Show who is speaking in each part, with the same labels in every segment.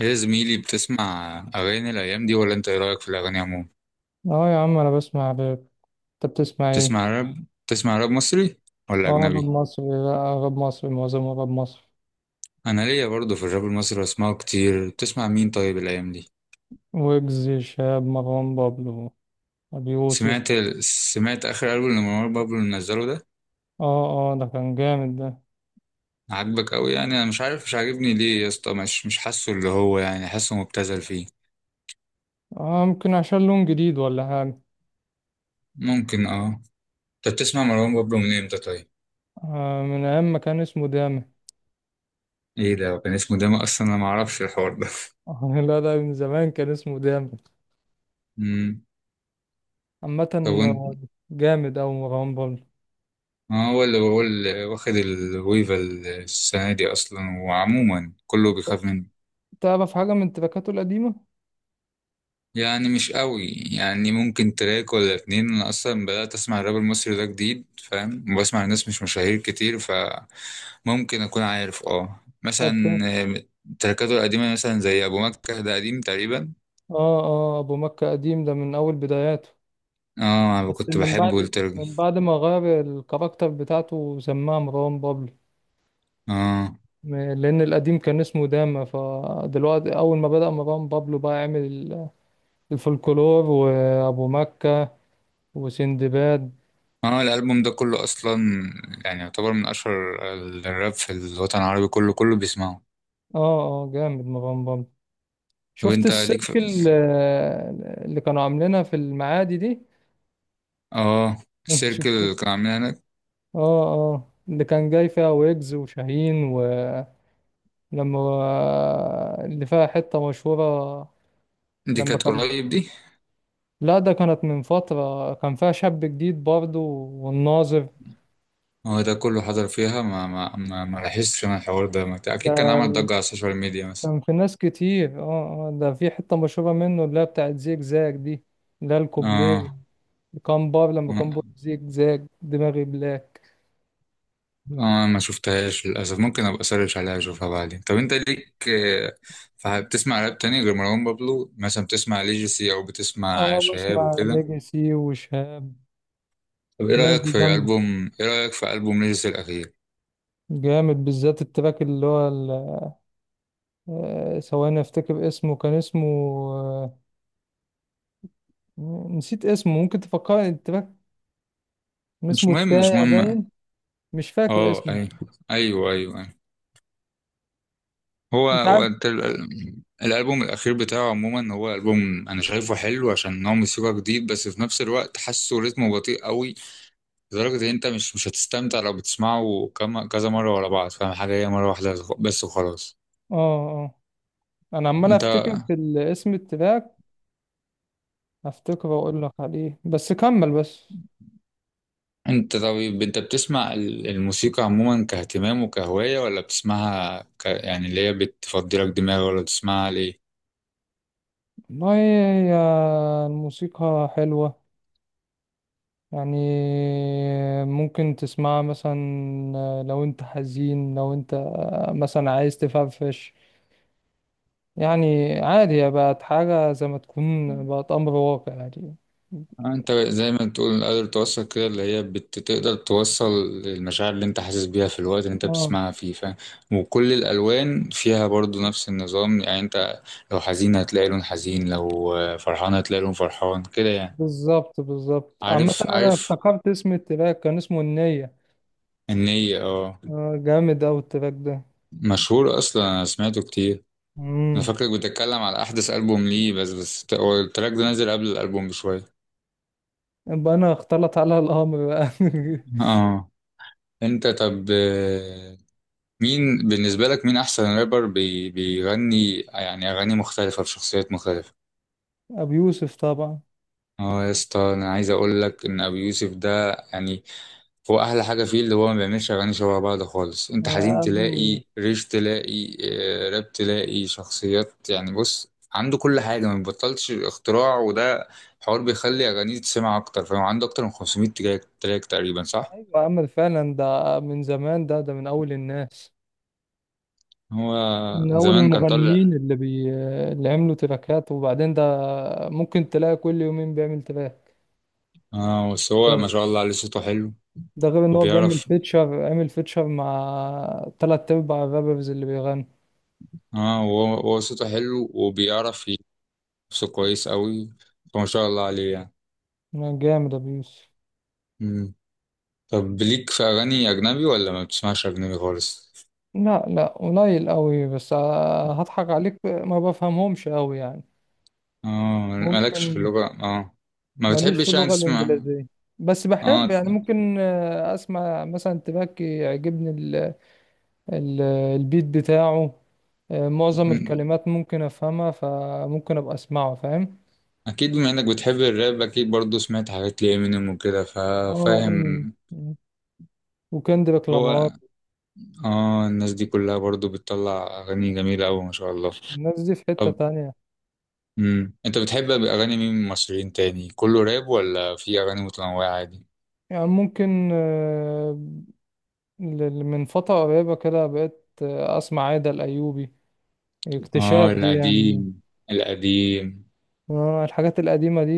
Speaker 1: ايه يا زميلي، بتسمع أغاني الأيام دي ولا أنت إيه رأيك في الأغاني عموما؟
Speaker 2: اه يا عم انا بسمع راب. انت بتسمع ايه؟
Speaker 1: بتسمع راب؟ بتسمع راب مصري ولا
Speaker 2: اه راب
Speaker 1: أجنبي؟
Speaker 2: مصري. لا راب مصري، معظمه راب مصري.
Speaker 1: أنا ليا برضه في الراب المصري بسمعه كتير، بتسمع مين طيب الأيام دي؟
Speaker 2: ويجز، شهاب، مروان بابلو، ابي يوسف.
Speaker 1: سمعت آخر ألبوم لمروان بابلو اللي نزله ده؟
Speaker 2: اه اه ده كان جامد ده.
Speaker 1: عاجبك أوي؟ يعني أنا مش عارف مش عاجبني ليه يا اسطى، مش حاسه. اللي هو يعني حاسه مبتذل فيه.
Speaker 2: اه ممكن عشان لون جديد ولا حاجة.
Speaker 1: ممكن اه. أنت بتسمع مروان بابلو من إمتى طيب؟
Speaker 2: آه، من ايام ما كان اسمه داما.
Speaker 1: إيه، ده كان اسمه ده أصلا؟ أنا معرفش الحوار ده
Speaker 2: آه لا ده من زمان كان اسمه داما.
Speaker 1: مم.
Speaker 2: عامة،
Speaker 1: طب وأنت؟
Speaker 2: آه، جامد اوي مروان بابلو.
Speaker 1: ما هو اللي بقول، واخد الويفا السنة دي أصلا، وعموما كله بيخاف منه.
Speaker 2: تعرف حاجة من تراكاته القديمة؟
Speaker 1: يعني مش قوي، يعني ممكن تراك ولا اتنين. أنا أصلا بدأت أسمع الراب المصري ده جديد، فاهم، وبسمع ناس مش مشاهير كتير، فممكن أكون عارف اه
Speaker 2: طب فين؟
Speaker 1: مثلا. آه، تراكاته القديمة مثلا زي أبو مكة، ده قديم تقريبا.
Speaker 2: اه اه ابو مكة قديم، ده من اول بداياته.
Speaker 1: اه أنا
Speaker 2: بس
Speaker 1: كنت
Speaker 2: من
Speaker 1: بحبه
Speaker 2: بعد
Speaker 1: الترجي.
Speaker 2: من بعد ما غير الكاركتر بتاعته وسماها مروان بابلو.
Speaker 1: اه
Speaker 2: لأن القديم كان اسمه داما، فدلوقتي أول ما بدأ مروان بابلو بقى عمل الفولكلور وأبو مكة وسندباد.
Speaker 1: اه، الألبوم ده كله أصلا يعني يعتبر من أشهر الراب في الوطن العربي، كله كله بيسمعه.
Speaker 2: اه اه جامد مروان بابلو.
Speaker 1: طب
Speaker 2: شفت
Speaker 1: انت
Speaker 2: السيرك
Speaker 1: ليك في...
Speaker 2: اللي كانوا عاملينها في المعادي دي.
Speaker 1: اه الشركة
Speaker 2: شفت اه.
Speaker 1: اللي كان عاملها هناك،
Speaker 2: اه اللي كان جاي فيها ويجز وشاهين. ولما اللي فيها حتة مشهورة.
Speaker 1: دي
Speaker 2: لما
Speaker 1: كانت
Speaker 2: كان
Speaker 1: قريب دي.
Speaker 2: لا ده كانت من فترة كان فيها شاب جديد برضه والناظر.
Speaker 1: هو ده كله حضر فيها؟ ما لاحظتش انا الحوار ده. اكيد كان عمل
Speaker 2: ده
Speaker 1: ضجة على السوشيال ميديا مثلا.
Speaker 2: كان في ناس كتير اه. ده في حتة مشهورة منه اللي هي بتاعت زيج زاج دي، اللي هي الكوبليه.
Speaker 1: اه
Speaker 2: كان بار لما كان
Speaker 1: اه،
Speaker 2: بيقول زيج زاج دماغي بلاك.
Speaker 1: ما شفتهاش للأسف، ممكن أبقى أسرش عليها أشوفها بعدين. طب أنت ليك بتسمع راب تاني غير مروان بابلو؟ مثلا بتسمع ليجيسي أو بتسمع
Speaker 2: اه
Speaker 1: شهاب
Speaker 2: بسمع
Speaker 1: وكده؟
Speaker 2: ليجاسي وشهاب.
Speaker 1: طب إيه
Speaker 2: الناس
Speaker 1: رأيك
Speaker 2: دي
Speaker 1: في
Speaker 2: جامدة.
Speaker 1: ألبوم، إيه رأيك في ألبوم ليجيسي الأخير؟
Speaker 2: جامد بالذات التراك اللي هو ثواني افتكر اسمه، كان اسمه آه، نسيت اسمه، ممكن تفكرني التراك.
Speaker 1: مش
Speaker 2: اسمه
Speaker 1: مهم مش
Speaker 2: التاية
Speaker 1: مهم.
Speaker 2: باين. مش فاكر
Speaker 1: اه
Speaker 2: اسمه.
Speaker 1: أيوه، أيوه أيوه. هو
Speaker 2: انت
Speaker 1: هو
Speaker 2: عارف.
Speaker 1: انت الالبوم الاخير بتاعه عموما، هو البوم انا شايفه حلو عشان هو موسيقى جديد، بس في نفس الوقت حاسه رتمه بطيء قوي، لدرجه ان انت مش هتستمتع لو بتسمعه كم كذا مره ورا بعض. فاهم حاجه؟ هي مره واحده بس وخلاص.
Speaker 2: اه آه. انا عمال
Speaker 1: انت
Speaker 2: افتكر في الاسم التراك. افتكر واقول لك عليه بس كمل بس.
Speaker 1: انت طيب، انت بتسمع الموسيقى عموما كاهتمام وكهوايه، ولا بتسمعها يعني اللي هي بتفضي لك دماغ؟ ولا بتسمعها ليه؟
Speaker 2: والله هي الموسيقى حلوة، يعني ممكن تسمعها مثلا. لو انت حزين، لو انت مثلا عايز تفرفش، يعني عادي. هي بقت حاجة زي ما تكون بقت امر واقع يعني.
Speaker 1: انت زي ما تقول قادر توصل كده، اللي هي بتقدر توصل المشاعر اللي انت حاسس بيها في الوقت اللي انت
Speaker 2: اه
Speaker 1: بتسمعها فيه، فاهم. وكل الالوان فيها برضو نفس النظام، يعني انت لو حزين هتلاقي لون حزين، لو فرحان هتلاقي لون فرحان، كده يعني.
Speaker 2: بالظبط بالظبط. عامة
Speaker 1: عارف
Speaker 2: انا
Speaker 1: عارف،
Speaker 2: افتكرت اسم التراك، كان اسمه النية.
Speaker 1: النية، اه.
Speaker 2: آه، جامد اوي التراك ده.
Speaker 1: مشهور اصلا، انا سمعته كتير. انا
Speaker 2: مم.
Speaker 1: فاكرك بتتكلم على احدث ألبوم ليه، بس بس هو التراك ده نازل قبل الألبوم بشوية.
Speaker 2: يبقى انا اختلط على الامر بقى
Speaker 1: اه انت طب، مين بالنسبة لك مين أحسن رابر بيغني يعني أغاني مختلفة بشخصيات مختلفة؟
Speaker 2: ابو يوسف طبعا.
Speaker 1: اه يا اسطى، أنا عايز أقول لك إن أبي يوسف ده يعني هو أحلى حاجة فيه اللي هو ما بيعملش أغاني شبه بعض خالص. أنت حزين
Speaker 2: ابو
Speaker 1: تلاقي ريش، تلاقي راب، تلاقي شخصيات، يعني بص عنده كل حاجة، ما بيبطلش اختراع. وده حوار بيخلي أغانيه تسمع أكتر. فهو عنده أكتر من 500 تراك تقريبا، صح؟
Speaker 2: ايوه امل فعلا. ده من زمان، ده من اول الناس،
Speaker 1: هو
Speaker 2: من اول
Speaker 1: زمان كان طالع.
Speaker 2: المغنيين اللي عملوا تراكات. وبعدين ده ممكن تلاقي كل يومين بيعمل تراك.
Speaker 1: اه بس هو ما
Speaker 2: ده
Speaker 1: شاء الله عليه صوته حلو
Speaker 2: ده غير ان هو بيعمل
Speaker 1: وبيعرف.
Speaker 2: فيتشر، عمل فيتشر مع تلات ارباع الرابرز اللي بيغنوا.
Speaker 1: اه هو صوته حلو وبيعرف يرقص كويس قوي، فما شاء الله عليه يعني.
Speaker 2: جامد ابو يوسف.
Speaker 1: مم. طب ليك في اغاني اجنبي ولا ما بتسمعش اجنبي خالص؟
Speaker 2: لا لا قليل قوي، بس هضحك عليك ما بفهمهمش قوي يعني.
Speaker 1: اه، مالكش في
Speaker 2: ممكن.
Speaker 1: اللغة؟ اه، ما
Speaker 2: ماليش في
Speaker 1: بتحبش يعني
Speaker 2: اللغة
Speaker 1: تسمع؟
Speaker 2: الإنجليزية، بس بحب.
Speaker 1: اه.
Speaker 2: يعني ممكن أسمع مثلا تباكي، يعجبني ال ال البيت بتاعه. معظم
Speaker 1: مم.
Speaker 2: الكلمات ممكن أفهمها، فممكن أبقى أسمعه فاهم.
Speaker 1: اكيد بما انك بتحب الراب اكيد برضو سمعت حاجات لإمينيم وكده،
Speaker 2: اه
Speaker 1: ففاهم.
Speaker 2: أمين وكندريك لامار.
Speaker 1: هو اه، الناس دي كلها برضو بتطلع اغاني جميلة قوي، ما شاء الله.
Speaker 2: الناس دي في حتة
Speaker 1: طب
Speaker 2: تانية.
Speaker 1: مم، انت بتحب اغاني مين من المصريين تاني؟ كله راب ولا في اغاني متنوعة عادي؟
Speaker 2: يعني ممكن من فترة قريبة كده بقيت أسمع عايدة الأيوبي، اكتشاف
Speaker 1: اه
Speaker 2: دي يعني.
Speaker 1: القديم، القديم.
Speaker 2: الحاجات القديمة دي،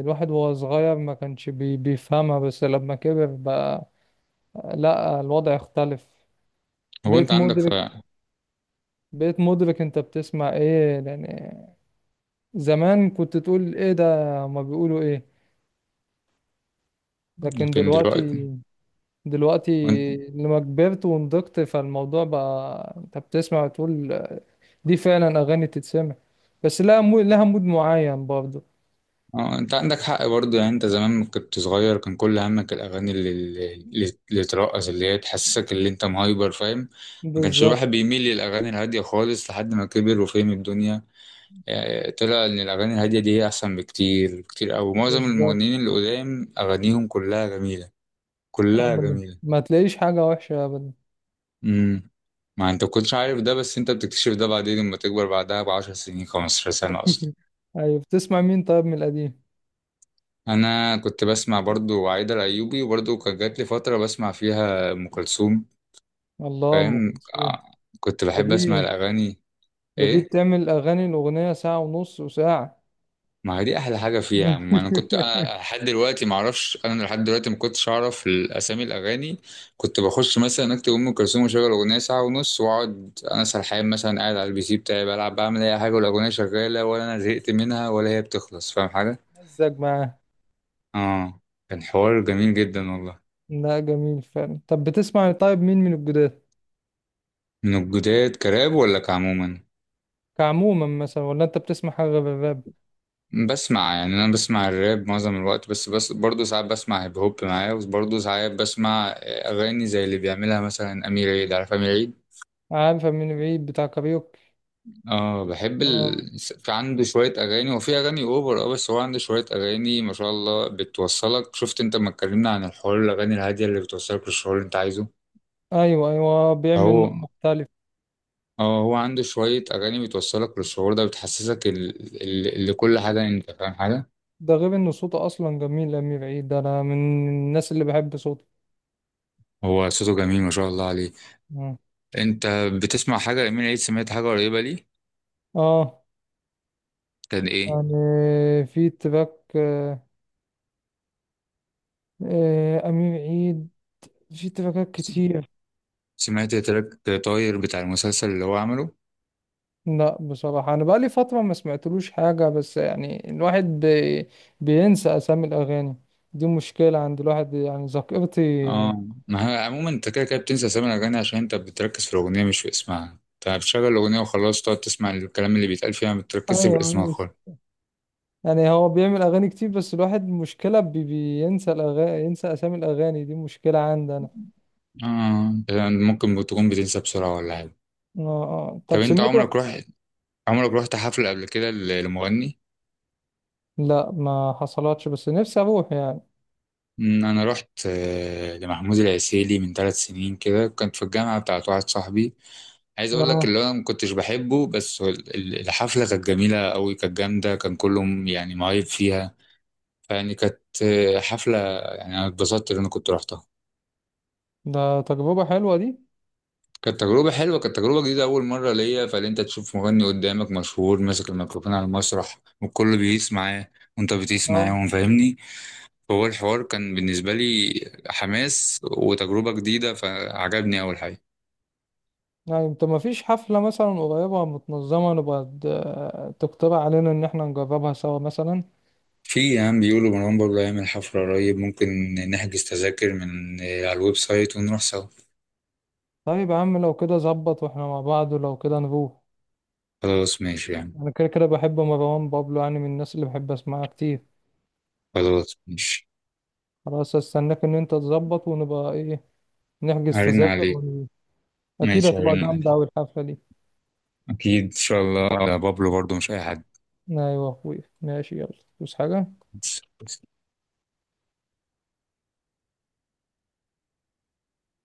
Speaker 2: الواحد وهو صغير ما كانش بيفهمها، بس لما كبر بقى لا الوضع اختلف.
Speaker 1: هو انت
Speaker 2: بقيت
Speaker 1: عندك حق.
Speaker 2: مدرك. بقيت مدرك انت بتسمع ايه، لان زمان كنت تقول ايه ده، ما بيقولوا ايه. لكن
Speaker 1: لكن
Speaker 2: دلوقتي،
Speaker 1: دلوقتي،
Speaker 2: دلوقتي
Speaker 1: وانت.
Speaker 2: لما كبرت ونضجت فالموضوع بقى انت بتسمع وتقول دي فعلا اغاني تتسمع. بس لها لها مود معين برضه.
Speaker 1: اه انت عندك حق برضه. يعني انت زمان كنت صغير، كان كل همك الاغاني اللي اللي ترقص، اللي هي تحسسك اللي انت مهايبر، فاهم. ما كانش
Speaker 2: بالظبط
Speaker 1: الواحد بيميل للاغاني الهاديه خالص لحد ما كبر وفهم الدنيا. يعني طلع ان الاغاني الهاديه دي هي احسن بكتير، بكتير قوي. معظم
Speaker 2: بالظبط.
Speaker 1: المغنيين اللي قدام اغانيهم كلها جميله، كلها
Speaker 2: ابدا
Speaker 1: جميله.
Speaker 2: ما تلاقيش حاجة وحشة ابدا.
Speaker 1: امم. ما انت كنتش عارف ده، بس انت بتكتشف ده بعدين لما تكبر بعدها ب10 سنين، 15 سنة اصلا.
Speaker 2: ايوه. بتسمع مين طيب من القديم؟
Speaker 1: انا كنت بسمع برضو عايدة الايوبي، وبرضو كان جات لي فترة بسمع فيها ام كلثوم،
Speaker 2: الله، ام
Speaker 1: فاهم.
Speaker 2: كلثوم.
Speaker 1: كنت
Speaker 2: ده
Speaker 1: بحب اسمع
Speaker 2: دي
Speaker 1: الاغاني.
Speaker 2: ده دي
Speaker 1: ايه،
Speaker 2: بتعمل اغاني، الاغنيه ساعه ونص وساعه.
Speaker 1: ما هي دي احلى حاجه فيها يا عم. انا كنت، انا لحد دلوقتي ما اعرفش، انا لحد دلوقتي ما كنتش اعرف اسامي الاغاني. كنت بخش مثلا اكتب ام كلثوم واشغل اغنيه ساعه ونص، واقعد انا سرحان مثلا، قاعد على البي سي بتاعي بلعب، بعمل اي حاجه، والاغنيه شغاله، ولا انا زهقت منها ولا هي بتخلص، فاهم حاجه.
Speaker 2: مزج معاه.
Speaker 1: اه كان حوار جميل جدا والله.
Speaker 2: لا جميل فعلا. طب بتسمع طيب مين من الجداد؟
Speaker 1: من الجداد كراب ولا كعموما؟
Speaker 2: كعموما مثلا؟ ولا انت بتسمع حاجه غير الراب؟
Speaker 1: بسمع يعني، انا بسمع الراب معظم الوقت، بس بس برضه ساعات بسمع هيب هوب معايا، وبرضه ساعات بسمع اغاني زي اللي بيعملها مثلا امير عيد، عارف امير عيد.
Speaker 2: عارفه من بعيد، بتاع كاريوكي.
Speaker 1: اه بحب
Speaker 2: اه
Speaker 1: في عنده شوية أغاني، وفي أغاني أوفر اه، بس هو عنده شوية أغاني ما شاء الله بتوصلك. شفت أنت ما اتكلمنا عن الحوار الأغاني الهادية اللي بتوصلك للشعور اللي أنت عايزه.
Speaker 2: ايوه ايوه بيعمل نوع
Speaker 1: هو
Speaker 2: مختلف.
Speaker 1: اه، هو عنده شوية أغاني بتوصلك للشعور ده، بتحسسك لكل حاجة، يعني أنت فاهم حاجة.
Speaker 2: ده غير ان صوته اصلا جميل. امير عيد ده انا من الناس اللي بحب صوته.
Speaker 1: هو صوته جميل ما شاء الله عليه.
Speaker 2: مم.
Speaker 1: أنت بتسمع حاجة أمير عيد؟ سمعت حاجة قريبة ليه؟
Speaker 2: اه
Speaker 1: كان إيه؟
Speaker 2: يعني في تراك امير عيد في تراكات
Speaker 1: س-
Speaker 2: كتير.
Speaker 1: سمعت تراك طاير بتاع المسلسل اللي هو عمله؟
Speaker 2: لا بصراحة أنا بقالي فترة ما سمعتلوش حاجة، بس يعني الواحد بينسى أسامي الأغاني، دي مشكلة عند الواحد يعني، ذاكرتي.
Speaker 1: اه ما هي عموما انت كده كده بتنسى اسامي الاغاني، عشان انت بتركز في الاغنيه مش في اسمها. انت بتشغل الاغنيه وخلاص، تقعد تسمع الكلام اللي بيتقال فيها، ما بتركزش في
Speaker 2: ايوه
Speaker 1: اسمها خالص.
Speaker 2: يعني هو بيعمل أغاني كتير، بس الواحد مشكلة بينسى الأغاني، ينسى أسامي الأغاني، دي مشكلة عندي أنا.
Speaker 1: اه يعني ممكن تكون بتنسى بسرعه ولا حاجه.
Speaker 2: آه آه.
Speaker 1: طب
Speaker 2: طب
Speaker 1: انت
Speaker 2: سمعت؟
Speaker 1: عمرك رحت، عمرك رحت حفله قبل كده لمغني؟
Speaker 2: لا ما حصلتش، بس نفسي أروح يعني.
Speaker 1: أمم، انا رحت لمحمود العسيلي من 3 سنين كده، كنت في الجامعه بتاعت واحد صاحبي. عايز اقول لك
Speaker 2: اه
Speaker 1: اللي انا ما كنتش بحبه، بس هو الحفله كانت جميله قوي، كانت جامده، كان كلهم يعني مهيب فيها. فيعني كانت حفلة، يعني أنا اتبسطت إن أنا كنت رحتها.
Speaker 2: ده تجربة حلوة دي.
Speaker 1: كانت تجربة حلوة، كانت تجربة جديدة أول مرة ليا، فإن أنت تشوف مغني قدامك مشهور ماسك الميكروفون على المسرح، والكل بيقيس معاه وأنت بتقيس
Speaker 2: اه
Speaker 1: معاهم، فاهمني. فهو الحوار كان بالنسبة لي حماس وتجربة جديدة، فعجبني أول حاجة.
Speaker 2: يعني انت ما فيش حفلة مثلا قريبة متنظمة، نبقى تقترح علينا ان احنا نجربها سوا مثلا؟
Speaker 1: في يعني بيقولوا مروان بابلو هيعمل حفلة قريب، ممكن نحجز تذاكر من على الويب سايت ونروح سوا.
Speaker 2: طيب يا عم لو كده ظبط واحنا مع بعض، ولو كده نروح.
Speaker 1: خلاص ماشي يعني.
Speaker 2: انا كده كده بحب مروان بابلو، يعني من الناس اللي بحب اسمعها كتير.
Speaker 1: خلاص ماشي،
Speaker 2: خلاص استناك ان انت تظبط، ونبقى ايه، نحجز
Speaker 1: هرن
Speaker 2: تذاكر
Speaker 1: عليك.
Speaker 2: اكيد
Speaker 1: ماشي
Speaker 2: هتبقى
Speaker 1: هرن
Speaker 2: جامدة
Speaker 1: عليك.
Speaker 2: اوي الحفلة دي.
Speaker 1: أكيد إن شاء الله، ده بابلو برضه مش أي
Speaker 2: ايوه يا اخويا ماشي، يلا بس حاجة.
Speaker 1: حد.